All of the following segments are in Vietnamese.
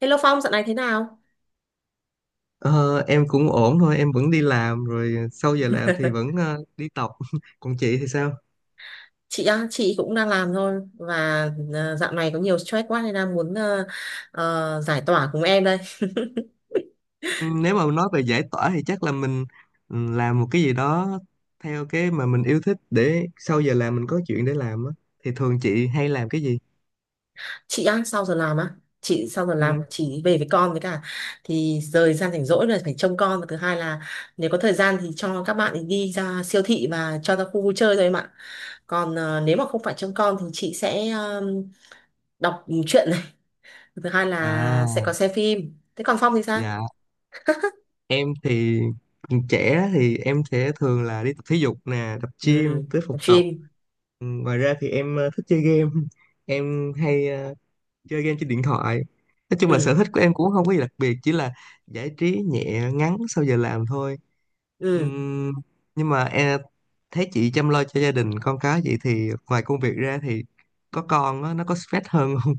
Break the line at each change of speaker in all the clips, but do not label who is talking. Hello Phong, dạo này thế nào?
Ờ, em cũng ổn thôi, em vẫn đi làm rồi sau giờ làm thì vẫn đi tập. Còn chị thì sao?
Chị á, chị cũng đang làm thôi và dạo này có nhiều stress quá nên đang muốn giải tỏa cùng em đây.
Ừ, Nếu mà nói về giải tỏa thì chắc là mình làm một cái gì đó theo cái mà mình yêu thích để sau giờ làm mình có chuyện để làm á. Thì thường chị hay làm cái gì?
Chị á, sau giờ làm á, chị sau giờ làm
Ừ.
chị về với con với cả, thì thời gian rảnh rỗi là phải trông con, và thứ hai là nếu có thời gian thì cho các bạn ấy đi ra siêu thị và cho ra khu vui chơi thôi em ạ. Còn nếu mà không phải trông con thì chị sẽ đọc truyện này, thứ hai
À,
là sẽ có xem phim. Thế còn Phong thì sao?
dạ. Em thì trẻ thì em sẽ thường là đi tập thể dục nè, tập gym,
Ừ,
tới phòng tập.
phim.
Ừ, ngoài ra thì em thích chơi game. Em hay chơi game trên điện thoại, nói chung là
Ừ,
sở thích của em cũng không có gì đặc biệt, chỉ là giải trí nhẹ ngắn sau giờ làm thôi.
ừ.
Ừm, nhưng mà em thấy chị chăm lo cho gia đình con cái vậy thì ngoài công việc ra thì có con á, nó có stress hơn không?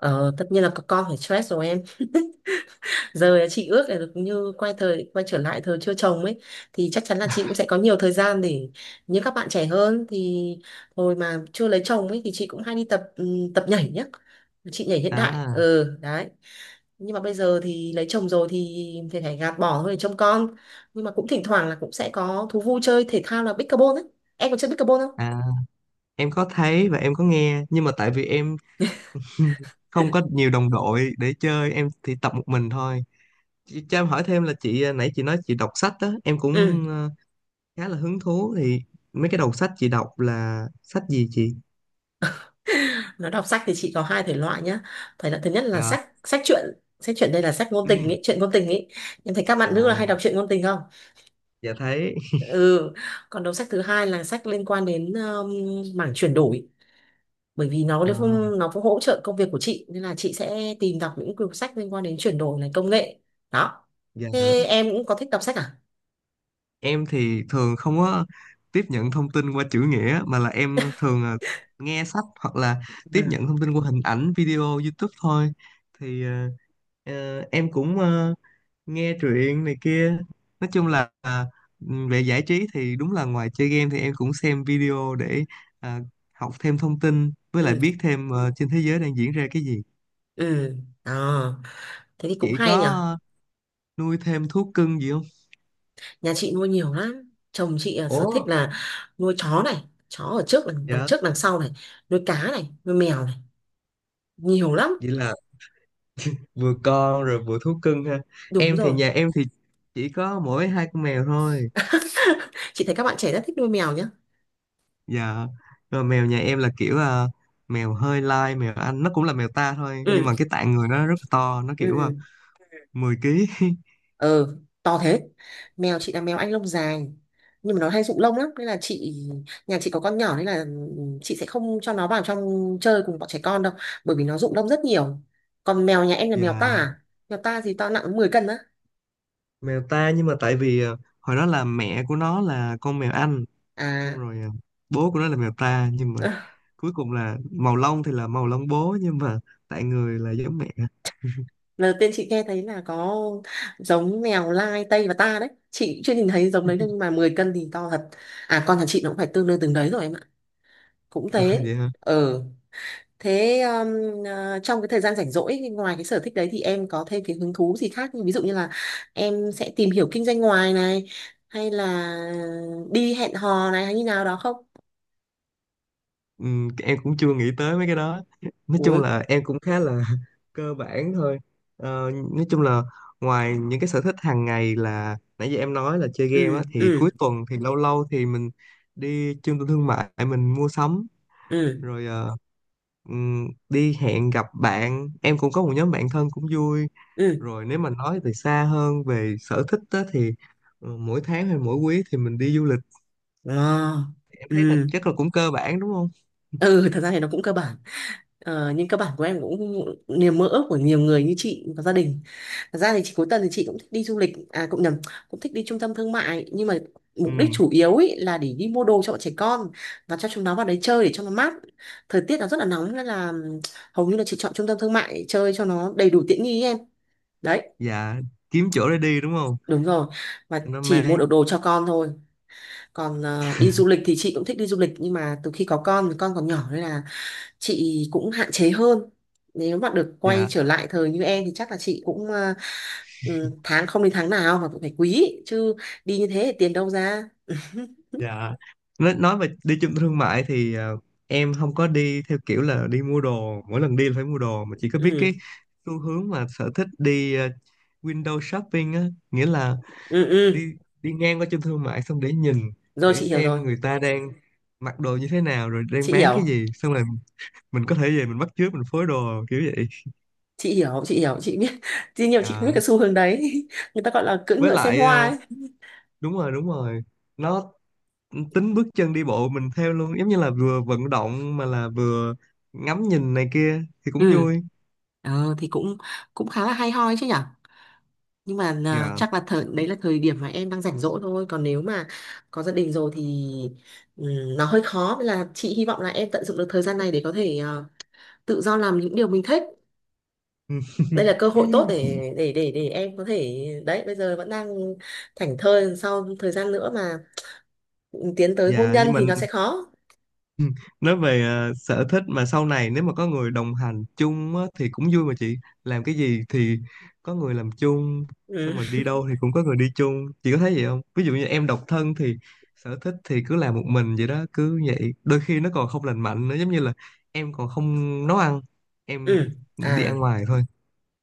Ờ, tất nhiên là có con phải stress rồi em. Giờ chị ước là được như quay trở lại thời chưa chồng ấy thì chắc chắn là chị cũng sẽ có nhiều thời gian để như các bạn trẻ hơn. Thì hồi mà chưa lấy chồng ấy thì chị cũng hay đi tập tập nhảy nhá, chị nhảy hiện đại,
À,
ừ, đấy. Nhưng mà bây giờ thì lấy chồng rồi thì phải gạt bỏ thôi để trông con, nhưng mà cũng thỉnh thoảng là cũng sẽ có thú vui chơi thể thao là pickleball ấy. Em có chơi pickleball không?
à, em có thấy và em có nghe, nhưng mà tại vì em không có nhiều đồng đội để chơi, em thì tập một mình thôi. Chị cho em hỏi thêm là chị nãy chị nói chị đọc sách đó, em
Ừ.
cũng khá là hứng thú thì mấy cái đầu sách chị đọc là sách gì chị?
Nói đọc sách thì chị có hai thể loại nhá. Thể loại thứ nhất là
Dạ.
sách sách truyện đây là sách ngôn tình
Ừm.
ý, truyện ngôn tình ý. Em thấy các bạn nữ là
À,
hay đọc truyện ngôn tình không?
dạ thấy.
Ừ. Còn đầu sách thứ hai là sách liên quan đến mảng chuyển đổi. Bởi vì nó
Ờ,
cũng- nó cũng hỗ trợ công việc của chị nên là chị sẽ tìm đọc những quyển sách liên quan đến chuyển đổi này, công nghệ. Đó.
dạ.
Thế em cũng có thích đọc sách à?
Em thì thường không có tiếp nhận thông tin qua chữ nghĩa, mà là em thường là nghe sách hoặc là tiếp
Ừ.
nhận thông tin qua hình ảnh, video, YouTube thôi. Thì ờ, em cũng nghe truyện này kia. Nói chung là về giải trí thì đúng là ngoài chơi game thì em cũng xem video để à, học thêm thông tin với lại
Ừ.
biết thêm trên thế giới đang diễn ra cái gì.
Ừ. Đó. Thế thì cũng
Chị có
hay nhỉ.
nuôi thêm thú cưng gì không?
Nhà chị nuôi nhiều lắm, chồng chị à, sở thích
Ủa.
là nuôi chó này, chó ở trước đằng
Dạ,
trước đằng sau này, nuôi cá này, nuôi mèo này, nhiều lắm.
vậy là vừa con rồi vừa thú cưng ha.
Đúng
Em thì
rồi.
nhà em thì chỉ có mỗi hai con mèo thôi.
Chị thấy các bạn trẻ rất thích nuôi mèo nhá.
Dạ. Rồi mèo nhà em là kiểu mèo hơi lai, mèo Anh nó cũng là mèo ta thôi, nhưng
Ừ.
mà cái tạng người nó rất là to, nó kiểu
Ừ.
10 ký.
Ừ. To thế. Mèo chị là mèo Anh lông dài, nhưng mà nó hay rụng lông lắm nên là chị, nhà chị có con nhỏ nên là chị sẽ không cho nó vào trong chơi cùng bọn trẻ con đâu, bởi vì nó rụng lông rất nhiều. Còn mèo nhà em là mèo
Dạ,
ta à? Mèo ta thì to, nặng 10 cân á.
mèo ta nhưng mà tại vì hồi đó là mẹ của nó là con mèo Anh, xong
À.
rồi bố của nó là mèo ta, nhưng mà cuối cùng là màu lông thì là màu lông bố, nhưng mà tạng người là giống mẹ.
Lần đầu tiên chị nghe thấy là có giống mèo lai Tây và ta đấy, chị chưa nhìn thấy giống đấy, nhưng mà 10 cân thì to thật. À, con nhà chị nó cũng phải tương đương từng đấy rồi em ạ, cũng thế.
Dạ.
Ừ. Thế à, trong cái thời gian rảnh rỗi ngoài cái sở thích đấy thì em có thêm cái hứng thú gì khác, như ví dụ như là em sẽ tìm hiểu kinh doanh ngoài này, hay là đi hẹn hò này, hay như nào đó không?
Ừ, em cũng chưa nghĩ tới mấy cái đó, nói
Ui.
chung là em cũng khá là cơ bản thôi. Ờ, nói chung là ngoài những cái sở thích hàng ngày là nãy giờ em nói là chơi game
Ừ.
á thì
Ừ.
cuối tuần thì lâu lâu thì mình đi trung tâm thương mại mình mua sắm,
Ừ.
rồi đi hẹn gặp bạn, em cũng có một nhóm bạn thân cũng vui,
Ừ.
rồi nếu mà nói từ xa hơn về sở thích á, thì mỗi tháng hay mỗi quý thì mình đi du lịch.
À,
Em thấy là
ừ.
chắc là cũng cơ bản đúng không?
Ừ, thật ra thì nó cũng cơ bản. Ờ, nhưng cơ bản của em cũng niềm mơ ước của nhiều người như chị và gia đình. Thật ra thì chị cuối tuần thì chị cũng thích đi du lịch, à cũng nhầm, cũng thích đi trung tâm thương mại. Nhưng mà
Ừ.
mục đích chủ yếu ý là để đi mua đồ cho bọn trẻ con và cho chúng nó vào đấy chơi để cho nó mát. Thời tiết nó rất là nóng nên là hầu như là chị chọn trung tâm thương mại chơi cho nó đầy đủ tiện nghi ý em. Đấy.
Dạ, kiếm chỗ để đi đúng không,
Đúng rồi, và
cho nó
chỉ mua
mát.
được đồ cho con thôi. Còn đi du lịch thì chị cũng thích đi du lịch, nhưng mà từ khi có con thì con còn nhỏ nên là chị cũng hạn chế hơn. Nếu mà được quay
Dạ,
trở lại thời như em thì chắc là chị cũng à, ừ, tháng không đến tháng nào mà cũng phải quý chứ, đi như thế thì tiền đâu ra.
dạ, nói về đi trung tâm thương mại thì em không có đi theo kiểu là đi mua đồ, mỗi lần đi là phải mua đồ, mà chỉ có biết
Ừ.
cái xu hướng mà sở thích đi window shopping á, nghĩa là
Ừ. Ừ.
đi đi ngang qua trung tâm thương mại xong để nhìn,
Rồi,
để
chị hiểu rồi,
xem người ta đang mặc đồ như thế nào rồi đang
chị
bán cái
hiểu,
gì, xong rồi mình có thể về mình bắt chước mình phối đồ kiểu vậy.
chị hiểu, chị hiểu, chị biết. Tuy nhiều chị không biết
Dạ.
cái xu hướng đấy. Người ta gọi là cưỡi
Với
ngựa xem
lại
hoa ấy.
đúng rồi, đúng rồi, nó tính bước chân đi bộ mình theo luôn giống như là vừa vận động mà là vừa ngắm nhìn này kia thì cũng
Ừ.
vui.
Thì cũng cũng khá là hay ho ấy chứ nhở. Nhưng mà à,
Dạ.
chắc là thời đấy là thời điểm mà em đang rảnh rỗi thôi, còn nếu mà có gia đình rồi thì ừm, nó hơi khó, nên là chị hy vọng là em tận dụng được thời gian này để có thể à, tự do làm những điều mình thích. Đây là cơ hội tốt để em có thể đấy, bây giờ vẫn đang thảnh thơi, sau thời gian nữa mà tiến tới hôn
Dạ
nhân
nhưng
thì
mình
nó sẽ khó.
nói về sở thích mà sau này nếu mà có người đồng hành chung á, thì cũng vui mà chị. Làm cái gì thì có người làm chung, xong
Ừ.
rồi đi đâu thì cũng có người đi chung, chị có thấy vậy không? Ví dụ như em độc thân thì sở thích thì cứ làm một mình vậy đó, cứ vậy đôi khi nó còn không lành mạnh nữa, giống như là em còn không nấu ăn, em
Ừ.
đi
À.
ăn ngoài thôi.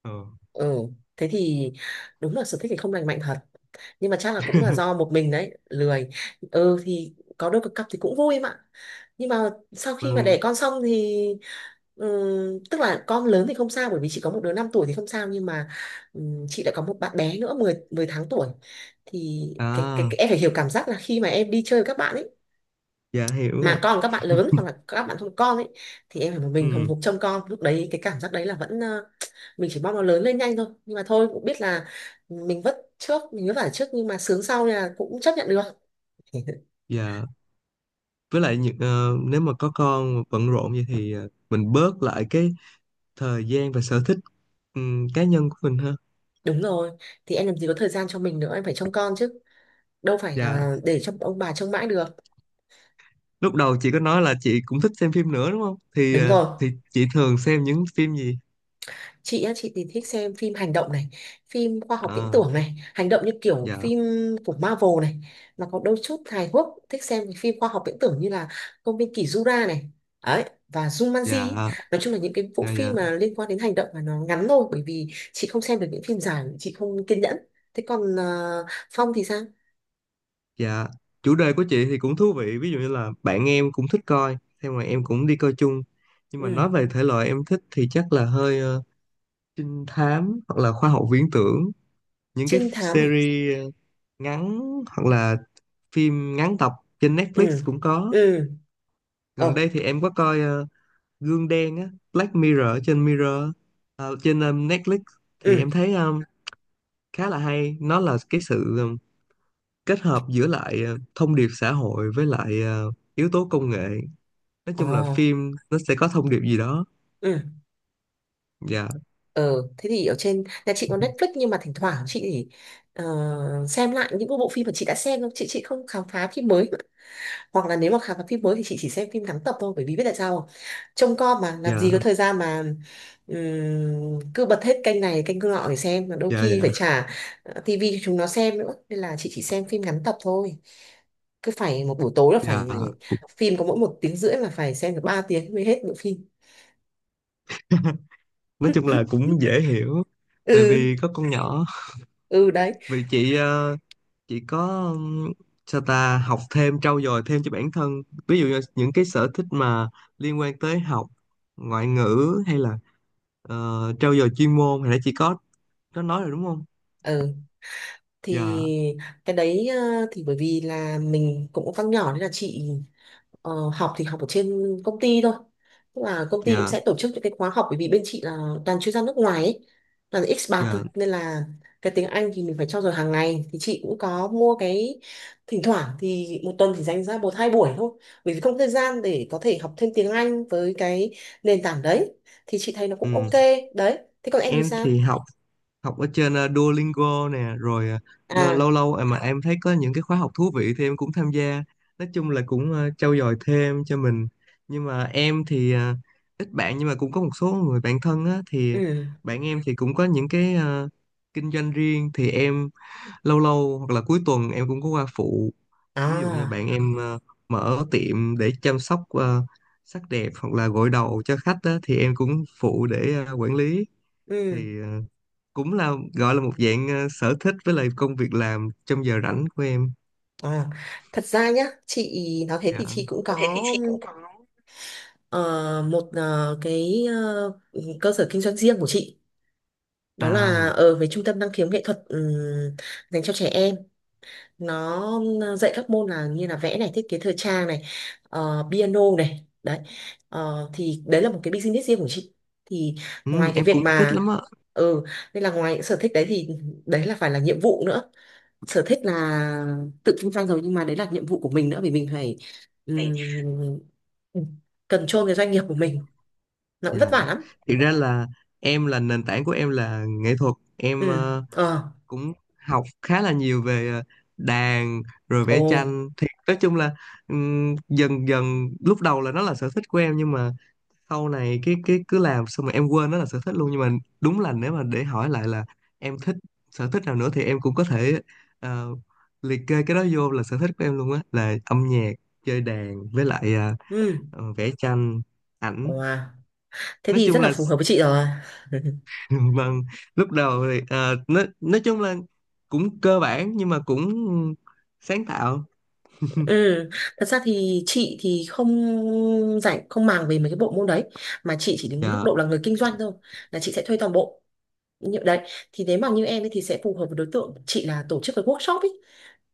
Ờ.
Ừ. Thế thì đúng là sở thích thì không lành mạnh thật, nhưng mà chắc là cũng là do một mình đấy lười. Ừ, thì có đôi cặp thì cũng vui em ạ. Nhưng mà sau khi mà đẻ
Vâng,
con xong thì tức là con lớn thì không sao, bởi vì chị có một đứa 5 tuổi thì không sao, nhưng mà chị đã có một bạn bé nữa 10 10 tháng tuổi, thì cái, cái,
à,
cái em phải hiểu cảm giác là khi mà em đi chơi với các bạn ấy
dạ hiểu ạ.
mà còn các bạn lớn hoặc là các bạn không có con ấy, thì em phải một mình hùng
Ừ,
hục trông con, lúc đấy cái cảm giác đấy là vẫn mình chỉ mong nó lớn lên nhanh thôi. Nhưng mà thôi cũng biết là mình vất vả trước nhưng mà sướng sau, nên là cũng chấp nhận được.
dạ. Với lại những ờ, nếu mà có con mà bận rộn vậy thì mình bớt lại cái thời gian và sở thích cá nhân của mình ha.
Đúng rồi, thì em làm gì có thời gian cho mình nữa, em phải trông con chứ, đâu phải
Dạ.
là để cho ông bà trông mãi được.
Lúc đầu chị có nói là chị cũng thích xem phim nữa đúng không? Thì
Đúng rồi,
thì chị thường xem những phim gì?
chị á, chị thì thích xem phim hành động này, phim khoa học viễn
À,
tưởng này, hành động như kiểu
dạ,
phim của Marvel này, mà có đôi chút hài hước, thích xem cái phim khoa học viễn tưởng như là công viên kỷ Jura này ấy, và Jumanji
dạ,
ý. Nói chung là những cái bộ
dạ, dạ,
phim mà liên quan đến hành động mà nó ngắn thôi, bởi vì chị không xem được những phim dài, chị không kiên nhẫn. Thế còn Phong thì sao?
dạ. Chủ đề của chị thì cũng thú vị. Ví dụ như là bạn em cũng thích coi, thế mà em cũng đi coi chung. Nhưng mà
Ừ.
nói về thể loại em thích thì chắc là hơi trinh thám hoặc là khoa học viễn tưởng, những cái
Trinh thám à?
series ngắn hoặc là phim ngắn tập, trên Netflix
Ừ.
cũng có.
Ừ.
Gần
Ờ.
đây thì em có coi Gương Đen á, Black Mirror ở trên Mirror, trên Netflix, thì
Ừ.
em thấy khá là hay. Nó là cái sự kết hợp giữa lại thông điệp xã hội với lại yếu tố công nghệ, nói
Ờ.
chung là phim nó sẽ có thông điệp gì đó.
Ừ.
Dạ.
Ờ, thế thì ở trên nhà chị có Netflix, nhưng mà thỉnh thoảng chị thì, ờ, xem lại những cái bộ phim mà chị đã xem thôi, chị không khám phá phim mới, hoặc là nếu mà khám phá phim mới thì chị chỉ xem phim ngắn tập thôi, bởi vì biết tại sao không? Trông con mà làm
Dạ,
gì có thời gian mà cứ bật hết kênh này kênh nọ để xem, mà đôi
dạ,
khi
dạ,
phải trả tivi cho chúng nó xem nữa, nên là chị chỉ xem phim ngắn tập thôi. Cứ phải một buổi tối là phải
dạ. Cũng-
phim có mỗi một tiếng rưỡi là phải xem được 3 tiếng mới hết bộ phim.
nói chung là cũng dễ hiểu, tại
Ừ.
vì có con nhỏ.
Ừ đấy.
Vì chị chị có ừm, sao ta học thêm trau dồi thêm cho bản thân, ví dụ như những cái sở thích mà liên quan tới học ngoại ngữ hay là ờ, trau dồi chuyên môn, hồi nãy chị có nói rồi đúng không?
Ừ thì
Dạ,
cái đấy thì bởi vì là mình cũng có con nhỏ nên là chị học thì học ở trên công ty thôi, tức là công ty cũng
dạ,
sẽ tổ chức những cái khóa học, bởi vì bên chị là toàn chuyên gia nước ngoài ấy, toàn expat thôi,
dạ.
nên là cái tiếng Anh thì mình phải trau dồi hàng ngày, thì chị cũng có mua cái, thỉnh thoảng thì một tuần thì dành ra một hai buổi thôi, bởi vì không có thời gian để có thể học thêm tiếng Anh với cái nền tảng đấy, thì chị thấy nó cũng
Ừm,
ok. Đấy, thế còn em thì
em
sao?
thì học, học ở trên Duolingo nè, rồi
À.
lâu lâu mà em thấy có những cái khóa học thú vị thì em cũng tham gia, nói chung là cũng trau dồi thêm cho mình. Nhưng mà em thì ít bạn, nhưng mà cũng có một số người bạn thân á, thì
Ừ.
bạn em thì cũng có những cái kinh doanh riêng thì em lâu lâu hoặc là cuối tuần em cũng có qua phụ. Ví dụ như bạn
À.
em mở tiệm để chăm sóc sắc đẹp hoặc là gội đầu cho khách á, thì em cũng phụ để quản lý.
Ừ.
Thì cũng là gọi là một dạng sở thích với lại công việc làm trong giờ rảnh của em.
À, thật ra nhá, chị nói thế
Dạ.
thì chị cũng
Đó, thế thì
có
chị cũng có
ờ, một cái cơ sở kinh doanh riêng của chị, đó là
à.
ở với trung tâm năng khiếu nghệ thuật dành cho trẻ em, nó dạy các môn là như là vẽ này, thiết kế thời trang này, piano này, đấy. Ờ, thì đấy là một cái business riêng của chị, thì
Ừ,
ngoài cái
em
việc
cũng thích
mà
lắm á,
ừ, nên là ngoài những sở thích đấy thì đấy là phải là nhiệm vụ nữa. Sở thích là tự kinh doanh rồi nhưng mà đấy là nhiệm vụ của mình nữa, vì mình phải
phải
um, control cái doanh nghiệp của mình, nó cũng vất
dạ.
vả lắm.
Thực ra là em là nền tảng của em là nghệ thuật, em
Ừ. Ờ.
cũng học khá là nhiều về đàn rồi
Ồ.
vẽ tranh, thì nói chung là dần dần lúc đầu là nó là sở thích của em, nhưng mà sau này cái cứ làm xong rồi em quên nó là sở thích luôn. Nhưng mà đúng là nếu mà để hỏi lại là em thích sở thích nào nữa thì em cũng có thể ờ, liệt kê cái đó vô là sở thích của em luôn á, là âm nhạc, chơi đàn với lại
Ừ.
vẽ tranh ảnh,
Wow. Thế
nói
thì
chung
rất là
là
phù hợp với chị rồi.
vâng. Lúc đầu thì nói chung là cũng cơ bản nhưng mà cũng sáng tạo.
Ừ, thật ra thì chị thì không không màng về mấy cái bộ môn đấy, mà chị chỉ đứng góc
Dạ,
độ là người kinh doanh thôi, là chị sẽ thuê toàn bộ như đấy. Thì nếu mà như em ấy thì sẽ phù hợp với đối tượng chị là tổ chức cái workshop ấy,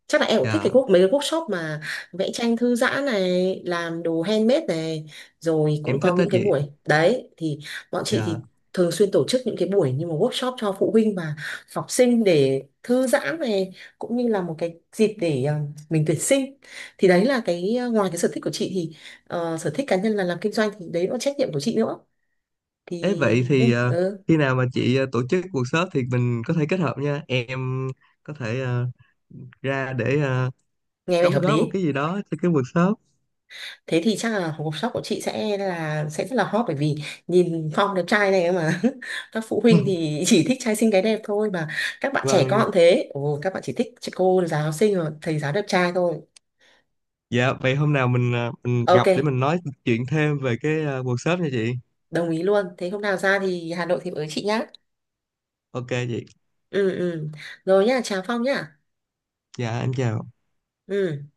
chắc là em cũng thích cái
dạ,
quốc mấy cái workshop mà vẽ tranh thư giãn này, làm đồ handmade này, rồi cũng
em thích
có
đó
những cái
chị.
buổi, đấy, thì bọn chị
Dạ.
thì thường xuyên tổ chức những cái buổi như một workshop cho phụ huynh và học sinh để thư giãn này, cũng như là một cái dịp để mình tuyển sinh. Thì đấy là cái ngoài cái sở thích của chị thì sở thích cá nhân là làm kinh doanh thì đấy là trách nhiệm của chị nữa, thì
Thế vậy
ừ,
thì
ừ.
khi nào mà chị tổ chức workshop thì mình có thể kết hợp nha. Em có thể ra để
Nghe vẻ
đóng
hợp
góp một
lý.
cái gì đó cho cái workshop.
Thế thì chắc là hộp shop của chị sẽ là sẽ rất là hot, bởi vì nhìn Phong đẹp trai này mà, các phụ huynh thì chỉ thích trai xinh gái đẹp thôi mà, các bạn trẻ
Vâng.
con thế, ồ, các bạn chỉ thích chị cô giáo xinh rồi thầy giáo đẹp trai thôi.
Dạ, vậy hôm nào mình mình
Ok,
gặp để mình nói chuyện thêm về cái workshop nha chị.
đồng ý luôn. Thế hôm nào ra thì Hà Nội thì với chị nhá.
Ok chị.
Ừ. Ừ. Rồi nhá, chào Phong nhá.
Dạ, em chào.
Ừ.